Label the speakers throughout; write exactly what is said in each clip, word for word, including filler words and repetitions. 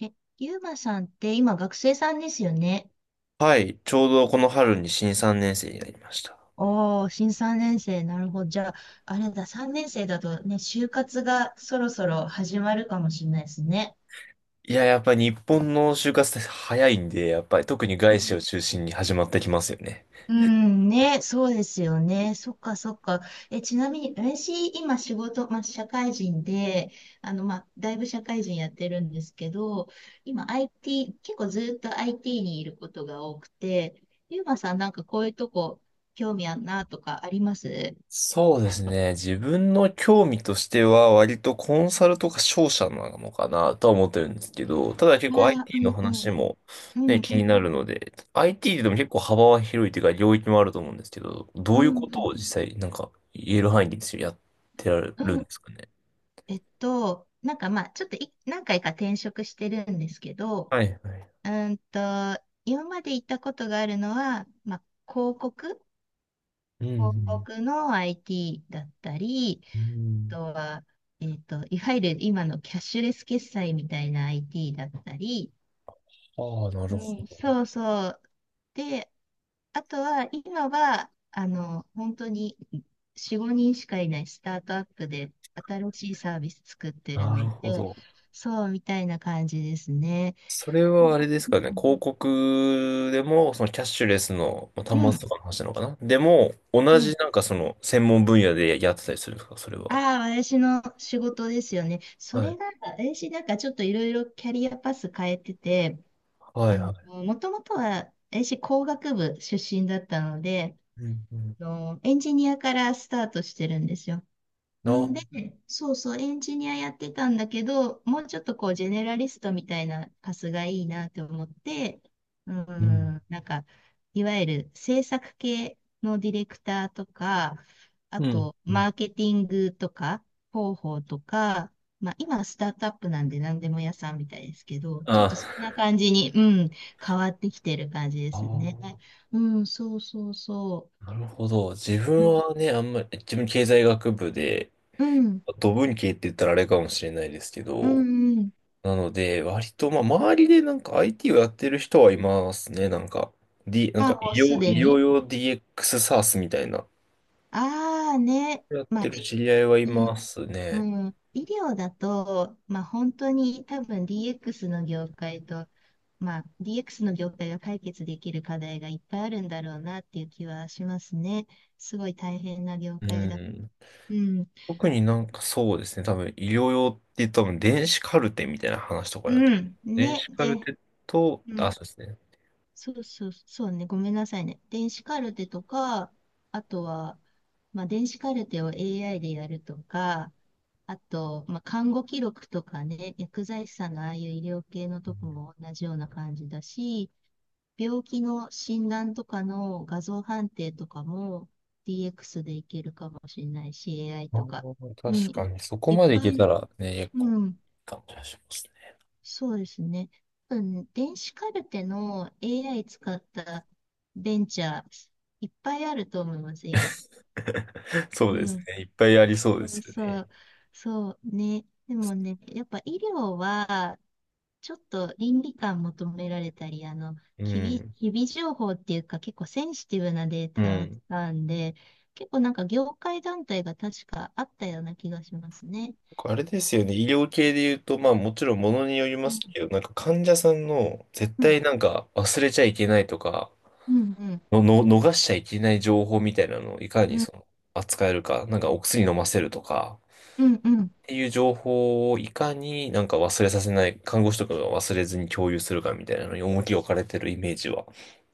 Speaker 1: え、ゆうまさんって今学生さんですよね。
Speaker 2: はい、ちょうどこの春に新さんねん生になりました。
Speaker 1: おー、新さんねん生。なるほど。じゃあ、あれだ、さんねん生だとね、就活がそろそろ始まるかもしれないですね。
Speaker 2: いや、やっぱり日本の就活って早いんで、やっぱり特に
Speaker 1: う
Speaker 2: 外資
Speaker 1: ん、
Speaker 2: を中心に始まってきますよね。
Speaker 1: うんね、そうですよね。そっかそっか。え、ちなみに、私、今仕事、まあ、社会人で、あの、まあ、だいぶ社会人やってるんですけど、今 アイティー、結構ずっと アイティー にいることが多くて、ゆうまさんなんかこういうとこ興味あんなとかあります？
Speaker 2: そうですね。自分の興味としては割とコンサルとか商社なのかなとは思ってるんですけど、ただ結構
Speaker 1: ああ、う
Speaker 2: アイティー
Speaker 1: ん
Speaker 2: の
Speaker 1: う
Speaker 2: 話
Speaker 1: ん、
Speaker 2: も
Speaker 1: うん
Speaker 2: ね、気
Speaker 1: う
Speaker 2: にな
Speaker 1: ん、
Speaker 2: るので、アイティー でも結構幅は広いというか領域もあると思うんですけど、ど
Speaker 1: う
Speaker 2: ういう
Speaker 1: ん
Speaker 2: こと
Speaker 1: うん、
Speaker 2: を実際なんか言える範囲でですよやってられ
Speaker 1: う
Speaker 2: るんで
Speaker 1: ん。
Speaker 2: すかね。
Speaker 1: えっと、なんかまあ、ちょっとい何回か転職してるんですけど、
Speaker 2: はいはい。
Speaker 1: うーんと、今まで行ったことがあるのは、まあ、広告、
Speaker 2: うんう
Speaker 1: 広
Speaker 2: ん。
Speaker 1: 告の アイティー だったり、
Speaker 2: う
Speaker 1: あ
Speaker 2: ん。
Speaker 1: とは、えっと、いわゆる今のキャッシュレス決済みたいな アイティー だったり、
Speaker 2: ああ、な
Speaker 1: う
Speaker 2: るほ
Speaker 1: ん、
Speaker 2: ど。
Speaker 1: そうそう。で、あとは、今は、あの、本当によん、ごにんしかいないスタートアップで新しいサービス作ってる
Speaker 2: な
Speaker 1: の
Speaker 2: るほ
Speaker 1: で、
Speaker 2: ど。
Speaker 1: そうみたいな感じですね。
Speaker 2: それ
Speaker 1: う
Speaker 2: は
Speaker 1: ん、
Speaker 2: あれですかね。広告でも、そのキャッシュレスのまあ
Speaker 1: う
Speaker 2: 端末と
Speaker 1: ん。
Speaker 2: かの話なのかな。でも、同
Speaker 1: う
Speaker 2: じ
Speaker 1: ん。
Speaker 2: なんかその専門分野でやってたりするんですかそれは。
Speaker 1: ああ、私の仕事ですよね。そ
Speaker 2: は
Speaker 1: れ
Speaker 2: い。
Speaker 1: が、私なんかちょっといろいろキャリアパス変えてて、
Speaker 2: は
Speaker 1: あ
Speaker 2: い
Speaker 1: の、
Speaker 2: はい。
Speaker 1: もともとは私工学部出身だったので、
Speaker 2: うんうん。
Speaker 1: あのエンジニアからスタートしてるんですよ。
Speaker 2: あ、
Speaker 1: んで、そうそう、エンジニアやってたんだけど、もうちょっとこう、ジェネラリストみたいなパスがいいなと思って、う
Speaker 2: うん。
Speaker 1: ん、なんか、いわゆる制作系のディレクターとか、あ
Speaker 2: うん。
Speaker 1: と、
Speaker 2: うん。
Speaker 1: マーケティングとか、広報とか、まあ、今、スタートアップなんで何でも屋さんみたいですけど、ちょっとそん
Speaker 2: あ
Speaker 1: な感じに、うん、変わってきてる感じですね。
Speaker 2: あ
Speaker 1: うん、そうそうそ
Speaker 2: ー、なるほど。自
Speaker 1: う。う
Speaker 2: 分
Speaker 1: ん、
Speaker 2: はね、あんまり、自分経済学部で、
Speaker 1: うん、
Speaker 2: ド文系って言ったらあれかもしれないですけ
Speaker 1: う
Speaker 2: ど、
Speaker 1: ん。うん。
Speaker 2: なので、割と、まあ、周りでなんか アイティー をやってる人はいますね。なんか、D、なん
Speaker 1: あ、
Speaker 2: か
Speaker 1: もう
Speaker 2: 医
Speaker 1: す
Speaker 2: 療、
Speaker 1: で
Speaker 2: 医療
Speaker 1: に。
Speaker 2: 用 ディーエックス サースみたいな、
Speaker 1: ああね、
Speaker 2: やっ
Speaker 1: まあ、
Speaker 2: てる
Speaker 1: い
Speaker 2: 知り合いはい
Speaker 1: う
Speaker 2: ま
Speaker 1: ん、
Speaker 2: すね。
Speaker 1: うん、医療だと、まあ本当に多分 ディーエックス の業界と、まあ ディーエックス の業界が解決できる課題がいっぱいあるんだろうなっていう気はしますね。すごい大変な業
Speaker 2: う
Speaker 1: 界だ。
Speaker 2: ん。
Speaker 1: うん、
Speaker 2: 特になんかそうですね。多分、医療用って言うと多分、電子カルテみたいな話とか
Speaker 1: う
Speaker 2: になってくる。
Speaker 1: ん、
Speaker 2: 電
Speaker 1: ね、
Speaker 2: 子カル
Speaker 1: で、
Speaker 2: テと、
Speaker 1: う
Speaker 2: あ、
Speaker 1: ん、
Speaker 2: そうですね。
Speaker 1: そうそう、そうね。ごめんなさいね。電子カルテとか、あとは、まあ、電子カルテを エーアイ でやるとか、あと、まあ、看護記録とかね、薬剤師さんのああいう医療系のとこも同じような感じだし、病気の診断とかの画像判定とかも ディーエックス でいけるかもしれないし、エーアイ
Speaker 2: あ
Speaker 1: とか。
Speaker 2: ー
Speaker 1: うん、
Speaker 2: 確かに、そこ
Speaker 1: いっ
Speaker 2: までい
Speaker 1: ぱ
Speaker 2: け
Speaker 1: い、
Speaker 2: たらね、結構、
Speaker 1: うん、
Speaker 2: 感じがしますね。
Speaker 1: そうですね。うん、電子カルテの エーアイ 使ったベンチャー、いっぱいあると思います、今。
Speaker 2: そう
Speaker 1: う
Speaker 2: です
Speaker 1: ん。
Speaker 2: ね。いっぱいありそう
Speaker 1: そ
Speaker 2: です
Speaker 1: う
Speaker 2: よ
Speaker 1: そ
Speaker 2: ね。
Speaker 1: う。そうね。でもね、やっぱ医療は、ちょっと倫理観求められたり、あの、
Speaker 2: う
Speaker 1: 機微、
Speaker 2: ん。
Speaker 1: 機微情報っていうか、結構センシティブなデー
Speaker 2: う
Speaker 1: タを
Speaker 2: ん。
Speaker 1: 扱うんで、結構なんか業界団体が確かあったような気がしますね。
Speaker 2: あれですよね。医療系で言うと、まあもちろんものによりま
Speaker 1: う
Speaker 2: す
Speaker 1: ん、
Speaker 2: けど、なんか患者さんの絶
Speaker 1: うん、
Speaker 2: 対なんか忘れちゃいけないとか、
Speaker 1: うん、うん、
Speaker 2: の、の、逃しちゃいけない情報みたいなのをいか
Speaker 1: う
Speaker 2: に
Speaker 1: ん、うん。
Speaker 2: その扱えるか、なんかお薬飲ませるとか、
Speaker 1: うん、
Speaker 2: っていう情報をいかになんか忘れさせない、看護師とかが忘れずに共有するかみたいなのに重きを置かれてるイメージは、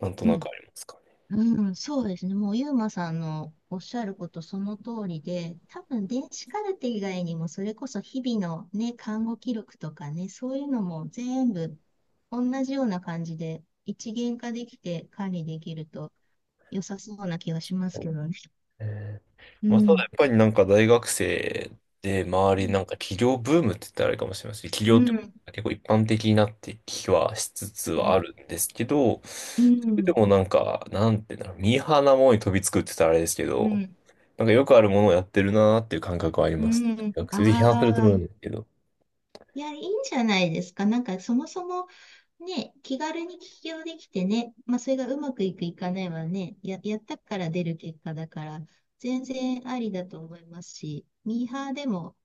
Speaker 2: なんと
Speaker 1: う
Speaker 2: なく
Speaker 1: ん、
Speaker 2: ありますかね。
Speaker 1: うん、そうですね。もう、ゆうまさんのおっしゃることその通りで、多分、電子カルテ以外にも、それこそ日々のね、看護記録とかね、そういうのも全部同じような感じで、一元化できて管理できると良さそうな気がしますけどね。
Speaker 2: えー
Speaker 1: う
Speaker 2: まあ、ただや
Speaker 1: ん。
Speaker 2: っぱりなんか大学生で
Speaker 1: う
Speaker 2: 周り
Speaker 1: ん。
Speaker 2: なんか起業ブームって言ったらあれかもしれませんし、起
Speaker 1: う
Speaker 2: 業って
Speaker 1: ん。
Speaker 2: 結構一般的になってきはしつつ
Speaker 1: う
Speaker 2: は
Speaker 1: ん。
Speaker 2: あるんですけど、それでもなんか、なんていうんだろう、ミーハーなものに飛びつくって言ったらあれですけ
Speaker 1: う
Speaker 2: ど、
Speaker 1: ん。
Speaker 2: なんかよくあるものをやってるなーっていう感覚はあり
Speaker 1: う
Speaker 2: ますね。
Speaker 1: ん。
Speaker 2: 学生で批判すると
Speaker 1: あ
Speaker 2: 思うん
Speaker 1: あ。
Speaker 2: ですけど。
Speaker 1: いや、いいんじゃないですか。なんか、そもそもね、気軽に起業できてね、まあ、それがうまくいくいかないはね、や、やったから出る結果だから、全然ありだと思いますし、ミーハーでも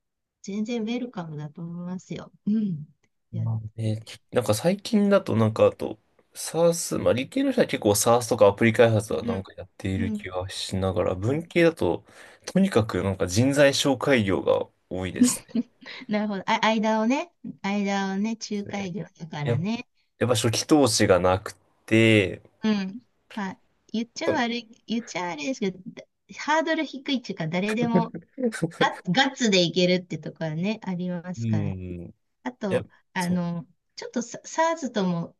Speaker 1: 全然ウェルカムだと思いますよ。うん。やっ
Speaker 2: まあ
Speaker 1: てね。
Speaker 2: ね、なんか最近だとなんかあと、サース、まあ理系の人は結構サースとかアプリ開発はな
Speaker 1: う
Speaker 2: ん
Speaker 1: ん。
Speaker 2: かやってい
Speaker 1: う
Speaker 2: る
Speaker 1: ん。
Speaker 2: 気がしながら、文系だと、とにかくなんか人材紹介業が多いですね。
Speaker 1: なるほど。あ、間をね、間をね、仲介業だか
Speaker 2: や
Speaker 1: ら
Speaker 2: っ、
Speaker 1: ね。
Speaker 2: やっぱ初期投資がなくて、
Speaker 1: うん。まあ、言っちゃ悪い、言っちゃ悪いですけど、だハードル低いっていうか、誰でもガッガッツでいけるってところはね、ありま
Speaker 2: う
Speaker 1: すからね。
Speaker 2: ん。
Speaker 1: あ
Speaker 2: や、
Speaker 1: と、あ
Speaker 2: そう。
Speaker 1: の、ちょっとサ、SARS とも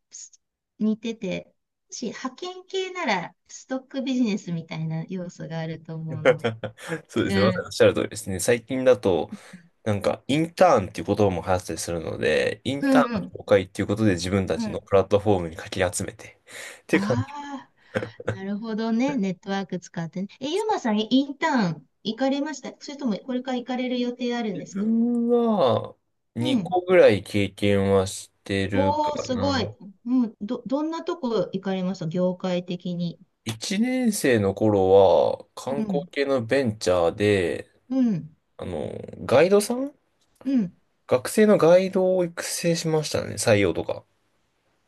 Speaker 1: 似てて、もし派遣系ならストックビジネスみたいな要素があると思うので。
Speaker 2: そうで
Speaker 1: う
Speaker 2: すね。まさに
Speaker 1: ん。
Speaker 2: おっしゃる通りですね。最近だと、なんか、インターンっていう言葉も流行ったりするので、イン
Speaker 1: う
Speaker 2: ターン
Speaker 1: んうん。
Speaker 2: の紹介っていうことで自分た
Speaker 1: う
Speaker 2: ちの
Speaker 1: ん。
Speaker 2: プラットフォームにかき集めて。っていう感じ。
Speaker 1: ああ、なるほどね。ネットワーク使ってね。え、ゆうまさん、インターン行かれました？それともこれから行かれる予定あるん
Speaker 2: 自
Speaker 1: ですか？
Speaker 2: 分は、
Speaker 1: う
Speaker 2: 2
Speaker 1: ん。
Speaker 2: 個ぐらい経験はしてるか
Speaker 1: おー、すごい。
Speaker 2: な。
Speaker 1: うん。ど、どんなとこ行かれました？業界的に。
Speaker 2: いちねん生の頃は、観
Speaker 1: う
Speaker 2: 光
Speaker 1: ん。
Speaker 2: 系のベンチャーで、
Speaker 1: うん。
Speaker 2: あの、ガイドさん
Speaker 1: うん。
Speaker 2: 学生のガイドを育成しましたね。採用とか。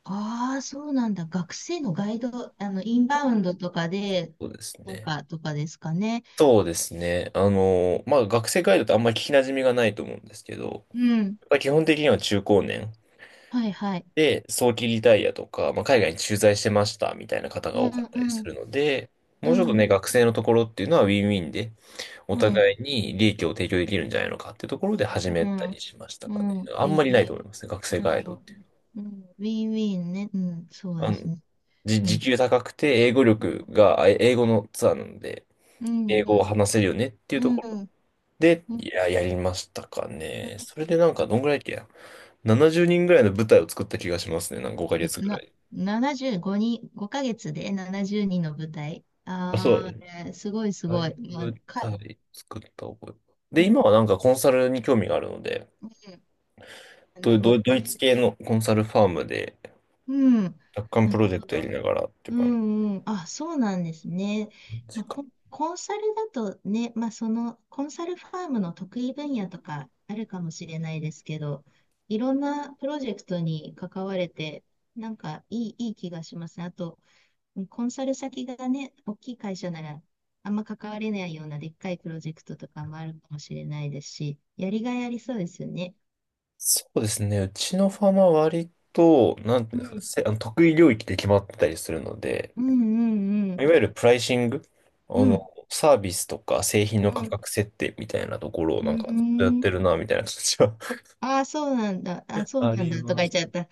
Speaker 1: ああ、そうなんだ。学生のガイド、あの、インバウンドとかで、
Speaker 2: そうです
Speaker 1: と
Speaker 2: ね。
Speaker 1: か、とかですかね。
Speaker 2: そうですね。あの、まあ、学生ガイドってあんまり聞き馴染みがないと思うんですけど、
Speaker 1: うん。
Speaker 2: まあ、基本的には中高年
Speaker 1: はいはい。
Speaker 2: で早期リタイアとか、まあ、海外に駐在してましたみたいな方が
Speaker 1: う
Speaker 2: 多か
Speaker 1: ん、
Speaker 2: ったり
Speaker 1: う
Speaker 2: す
Speaker 1: ん、
Speaker 2: るので、も
Speaker 1: う
Speaker 2: うちょっと
Speaker 1: ん、
Speaker 2: ね、学生のところっていうのはウィンウィンで、お
Speaker 1: うん、
Speaker 2: 互いに利益を提供できるんじゃないのかっていうところで始め
Speaker 1: う
Speaker 2: たり
Speaker 1: ん、
Speaker 2: しましたかね。
Speaker 1: うん、
Speaker 2: あん
Speaker 1: い
Speaker 2: ま
Speaker 1: い、
Speaker 2: りない
Speaker 1: い
Speaker 2: と
Speaker 1: い。
Speaker 2: 思いますね、学生
Speaker 1: う
Speaker 2: ガイドっ
Speaker 1: ん、
Speaker 2: ていう。
Speaker 1: うん、ウィンウィンね。うん、そう
Speaker 2: あ
Speaker 1: です
Speaker 2: の、
Speaker 1: ね。
Speaker 2: じ、
Speaker 1: う
Speaker 2: 時
Speaker 1: ん、
Speaker 2: 給高くて、英語力が、あ英語のツアーなので、
Speaker 1: う
Speaker 2: 英
Speaker 1: ん、
Speaker 2: 語
Speaker 1: う
Speaker 2: を
Speaker 1: ん、
Speaker 2: 話せるよねってい
Speaker 1: う
Speaker 2: うと
Speaker 1: ん、
Speaker 2: こ
Speaker 1: う
Speaker 2: ろ
Speaker 1: ん、
Speaker 2: で、
Speaker 1: うん、
Speaker 2: いや、やりましたか
Speaker 1: う
Speaker 2: ね。それでなんか、どんぐらいだっけや。ななじゅうにんぐらいの舞台を作った気がしますね。なんかごかげつ
Speaker 1: ん
Speaker 2: ぐら
Speaker 1: な、
Speaker 2: い。
Speaker 1: ななじゅうごにん、ごかげつでななじゅうにんの舞台。
Speaker 2: あ、そ
Speaker 1: あ
Speaker 2: う。
Speaker 1: あ、すごいす
Speaker 2: ラ
Speaker 1: ご
Speaker 2: イ
Speaker 1: い。
Speaker 2: ブ
Speaker 1: まあ
Speaker 2: 舞
Speaker 1: か、
Speaker 2: 台作った覚え。で、
Speaker 1: うん、
Speaker 2: 今はなんかコンサルに興味があるので、
Speaker 1: うん、な
Speaker 2: ド、
Speaker 1: るほ
Speaker 2: ド
Speaker 1: ど
Speaker 2: ドイ
Speaker 1: ね。
Speaker 2: ツ系のコンサルファームで、
Speaker 1: うん。
Speaker 2: 楽観
Speaker 1: な
Speaker 2: プ
Speaker 1: る
Speaker 2: ロジェク
Speaker 1: ほ
Speaker 2: トやり
Speaker 1: ど。
Speaker 2: ながらってい
Speaker 1: う
Speaker 2: う感
Speaker 1: んうん。あ、そうなんですね。
Speaker 2: じ
Speaker 1: まあ、
Speaker 2: か。
Speaker 1: コン、コンサルだとね、まあ、その、コンサルファームの得意分野とかあるかもしれないですけど、いろんなプロジェクトに関われて、なんかいい、いい気がしますね。あと、コンサル先がね、大きい会社なら、あんま関われないようなでっかいプロジェクトとかもあるかもしれないですし、やりがいありそうですよね。
Speaker 2: そうですね。うちのファームは割と、なんて
Speaker 1: う
Speaker 2: いうんですか、
Speaker 1: ん、
Speaker 2: せ、あの得意領域で決まってたりするので、
Speaker 1: うん、うん、う
Speaker 2: い
Speaker 1: ん、
Speaker 2: わゆるプライシング、あ
Speaker 1: う
Speaker 2: の、
Speaker 1: ん、
Speaker 2: サービスとか製品の
Speaker 1: う
Speaker 2: 価
Speaker 1: ん、
Speaker 2: 格設定みたいなところを
Speaker 1: う
Speaker 2: なんかずっとやっ
Speaker 1: ー
Speaker 2: てる
Speaker 1: ん。
Speaker 2: な、みたいな感じは
Speaker 1: ああ、そうなんだ。あ、そう
Speaker 2: あ
Speaker 1: なん
Speaker 2: り
Speaker 1: だとか
Speaker 2: ま
Speaker 1: 言っ
Speaker 2: す。
Speaker 1: ちゃった。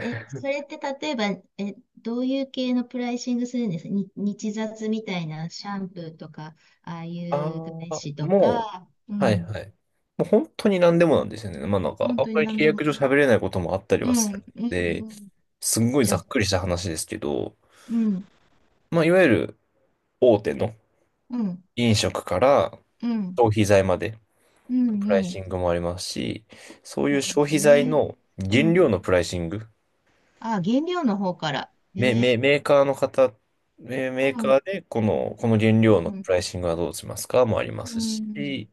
Speaker 1: え、それって例えば、え、どういう系のプライシングするんですか？に、日雑みたいなシャンプーとか、ああい
Speaker 2: ああ、
Speaker 1: う外資と
Speaker 2: もう、
Speaker 1: か、う
Speaker 2: はい
Speaker 1: ん。
Speaker 2: はい。もう本当に何でもなんですよね。まあなんか、
Speaker 1: 本
Speaker 2: あん
Speaker 1: 当に
Speaker 2: まり
Speaker 1: 何
Speaker 2: 契
Speaker 1: でも。
Speaker 2: 約上喋れないこともあったり
Speaker 1: う
Speaker 2: は
Speaker 1: ん、
Speaker 2: するん
Speaker 1: うん、う
Speaker 2: で、
Speaker 1: ん。
Speaker 2: すんごい
Speaker 1: じゃ
Speaker 2: ざ
Speaker 1: あ、
Speaker 2: っくりした話ですけど、
Speaker 1: うん、
Speaker 2: まあいわゆる大手の
Speaker 1: うん、
Speaker 2: 飲食から
Speaker 1: うん、
Speaker 2: 消費財まで、
Speaker 1: うん、
Speaker 2: プライ
Speaker 1: う
Speaker 2: シ
Speaker 1: ん。
Speaker 2: ングもありますし、そうい
Speaker 1: な
Speaker 2: う
Speaker 1: るほ
Speaker 2: 消費
Speaker 1: ど
Speaker 2: 財
Speaker 1: ね。
Speaker 2: の
Speaker 1: う
Speaker 2: 原
Speaker 1: ん。
Speaker 2: 料のプライシング、
Speaker 1: ああ、原料の方から。
Speaker 2: メ、
Speaker 1: え
Speaker 2: メ、
Speaker 1: え、
Speaker 2: メーカーの方、メ、メー
Speaker 1: う
Speaker 2: カ
Speaker 1: ん、
Speaker 2: ーでこの、この原
Speaker 1: う
Speaker 2: 料
Speaker 1: ん、
Speaker 2: の
Speaker 1: うん、
Speaker 2: プライシングはどうしますかもありま
Speaker 1: う
Speaker 2: す
Speaker 1: ん、
Speaker 2: し、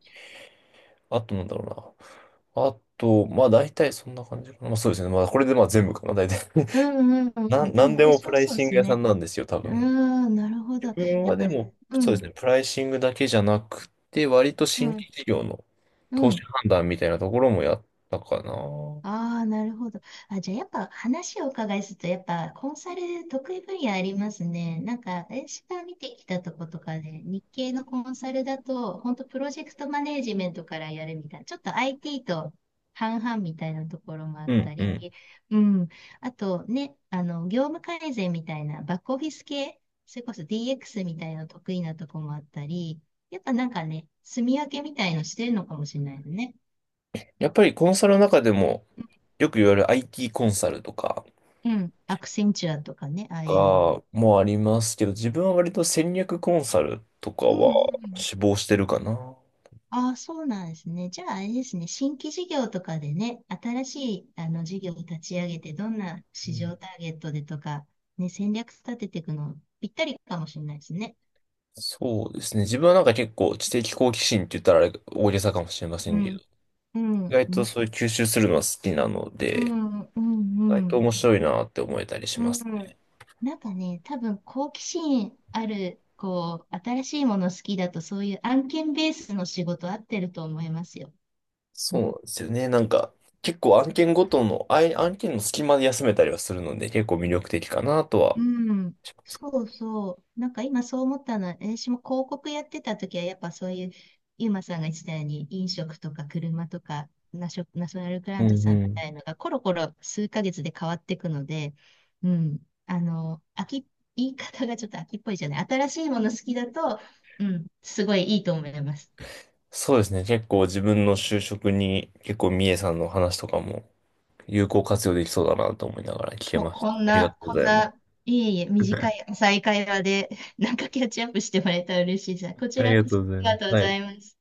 Speaker 2: あとなんだろうな。あと、まあ大体そんな感じかな。まあそうですね。まあこれでまあ全部かな、大体。
Speaker 1: う ん、う
Speaker 2: なん、
Speaker 1: ん。で
Speaker 2: な
Speaker 1: も
Speaker 2: んで
Speaker 1: 面
Speaker 2: もプ
Speaker 1: 白
Speaker 2: ライ
Speaker 1: そうで
Speaker 2: シング
Speaker 1: す
Speaker 2: 屋さ
Speaker 1: ね。
Speaker 2: んなんですよ、多
Speaker 1: うー
Speaker 2: 分。
Speaker 1: ん、なるほど。
Speaker 2: 自
Speaker 1: や
Speaker 2: 分
Speaker 1: っ
Speaker 2: は
Speaker 1: ぱ、
Speaker 2: でも、
Speaker 1: う
Speaker 2: そうで
Speaker 1: ん、
Speaker 2: すね、プライシングだけじゃなくて、割と
Speaker 1: う
Speaker 2: 新
Speaker 1: ん、
Speaker 2: 規事業の
Speaker 1: う
Speaker 2: 投資
Speaker 1: ん。
Speaker 2: 判断みたいなところもやったかな。
Speaker 1: ああ、なるほど。あ、じゃあやっぱ話をお伺いすると、やっぱコンサル得意分野ありますね。なんか、私が見てきたとことかで、日系のコンサルだと、本当プロジェクトマネージメントからやるみたいな、ちょっと アイティー と半々みたいなところもあ
Speaker 2: う
Speaker 1: っ
Speaker 2: ん
Speaker 1: た
Speaker 2: う
Speaker 1: り、
Speaker 2: ん。
Speaker 1: うん。あとね、あの、業務改善みたいな、バックオフィス系、それこそ ディーエックス みたいな得意なとこもあったり、やっぱなんかね、住み分けみたいのしてるのかもしれないよね。
Speaker 2: やっぱりコンサルの中でも、よく言われる アイティー コンサルとか、
Speaker 1: うん。アクセンチュアとかね、ああいう。
Speaker 2: かもありますけど、自分は割と戦略コンサルとか
Speaker 1: うん
Speaker 2: は
Speaker 1: うん。
Speaker 2: 志望してるかな。
Speaker 1: ああ、そうなんですね。じゃあ、あれですね。新規事業とかでね、新しいあの事業を立ち上げて、どんな
Speaker 2: う
Speaker 1: 市
Speaker 2: ん。
Speaker 1: 場ターゲットでとか、ね、戦略立てていくの、ぴったりかもしれないですね。
Speaker 2: そうですね。自分はなんか結構知的好奇心って言ったらあれ大げさかもしれませ
Speaker 1: う
Speaker 2: んけど、
Speaker 1: ん、う
Speaker 2: 意
Speaker 1: ん、
Speaker 2: 外
Speaker 1: う
Speaker 2: と
Speaker 1: ん、
Speaker 2: そういう吸収するのは好きなの
Speaker 1: う
Speaker 2: で、
Speaker 1: ん、う
Speaker 2: 意外
Speaker 1: ん、う
Speaker 2: と
Speaker 1: ん。
Speaker 2: 面白いなって思えたりし
Speaker 1: う
Speaker 2: ます
Speaker 1: ん、
Speaker 2: ね。
Speaker 1: なんかね、多分好奇心ある、こう、新しいもの好きだと、そういう案件ベースの仕事合ってると思いますよ。
Speaker 2: そうなんですよね。なんか結構案件ごとの、あい案件の隙間で休めたりはするので、結構魅力的かなとは
Speaker 1: うん、
Speaker 2: します。
Speaker 1: そうそう。なんか今そう思ったのは、私も広告やってた時は、やっぱそういう、ゆうまさんが言ってたように、飲食とか車とか、ナショ、ナショナルグラ
Speaker 2: う
Speaker 1: ント
Speaker 2: ん
Speaker 1: さんみ
Speaker 2: うん。
Speaker 1: たいのが、コロコロ数ヶ月で変わっていくので、うん、あの、飽き、言い方がちょっと飽きっぽいじゃない。新しいもの好きだと、うん、すごいいいと思います。
Speaker 2: そうですね。結構自分の就職に結構三重さんの話とかも有効活用できそうだなと思いながら聞け
Speaker 1: こ、
Speaker 2: まし
Speaker 1: こ
Speaker 2: た。
Speaker 1: ん
Speaker 2: ありがと
Speaker 1: な、
Speaker 2: う
Speaker 1: こ
Speaker 2: ご
Speaker 1: ん
Speaker 2: ざいます。
Speaker 1: な、いえいえ、短い 再会話で、なんかキャッチアップしてもらえたら嬉しいです。こ
Speaker 2: あ
Speaker 1: ち
Speaker 2: り
Speaker 1: ら
Speaker 2: が
Speaker 1: こそ
Speaker 2: と
Speaker 1: あ
Speaker 2: うござい
Speaker 1: り
Speaker 2: ま
Speaker 1: が
Speaker 2: す。
Speaker 1: とうご
Speaker 2: は
Speaker 1: ざ
Speaker 2: い。
Speaker 1: います。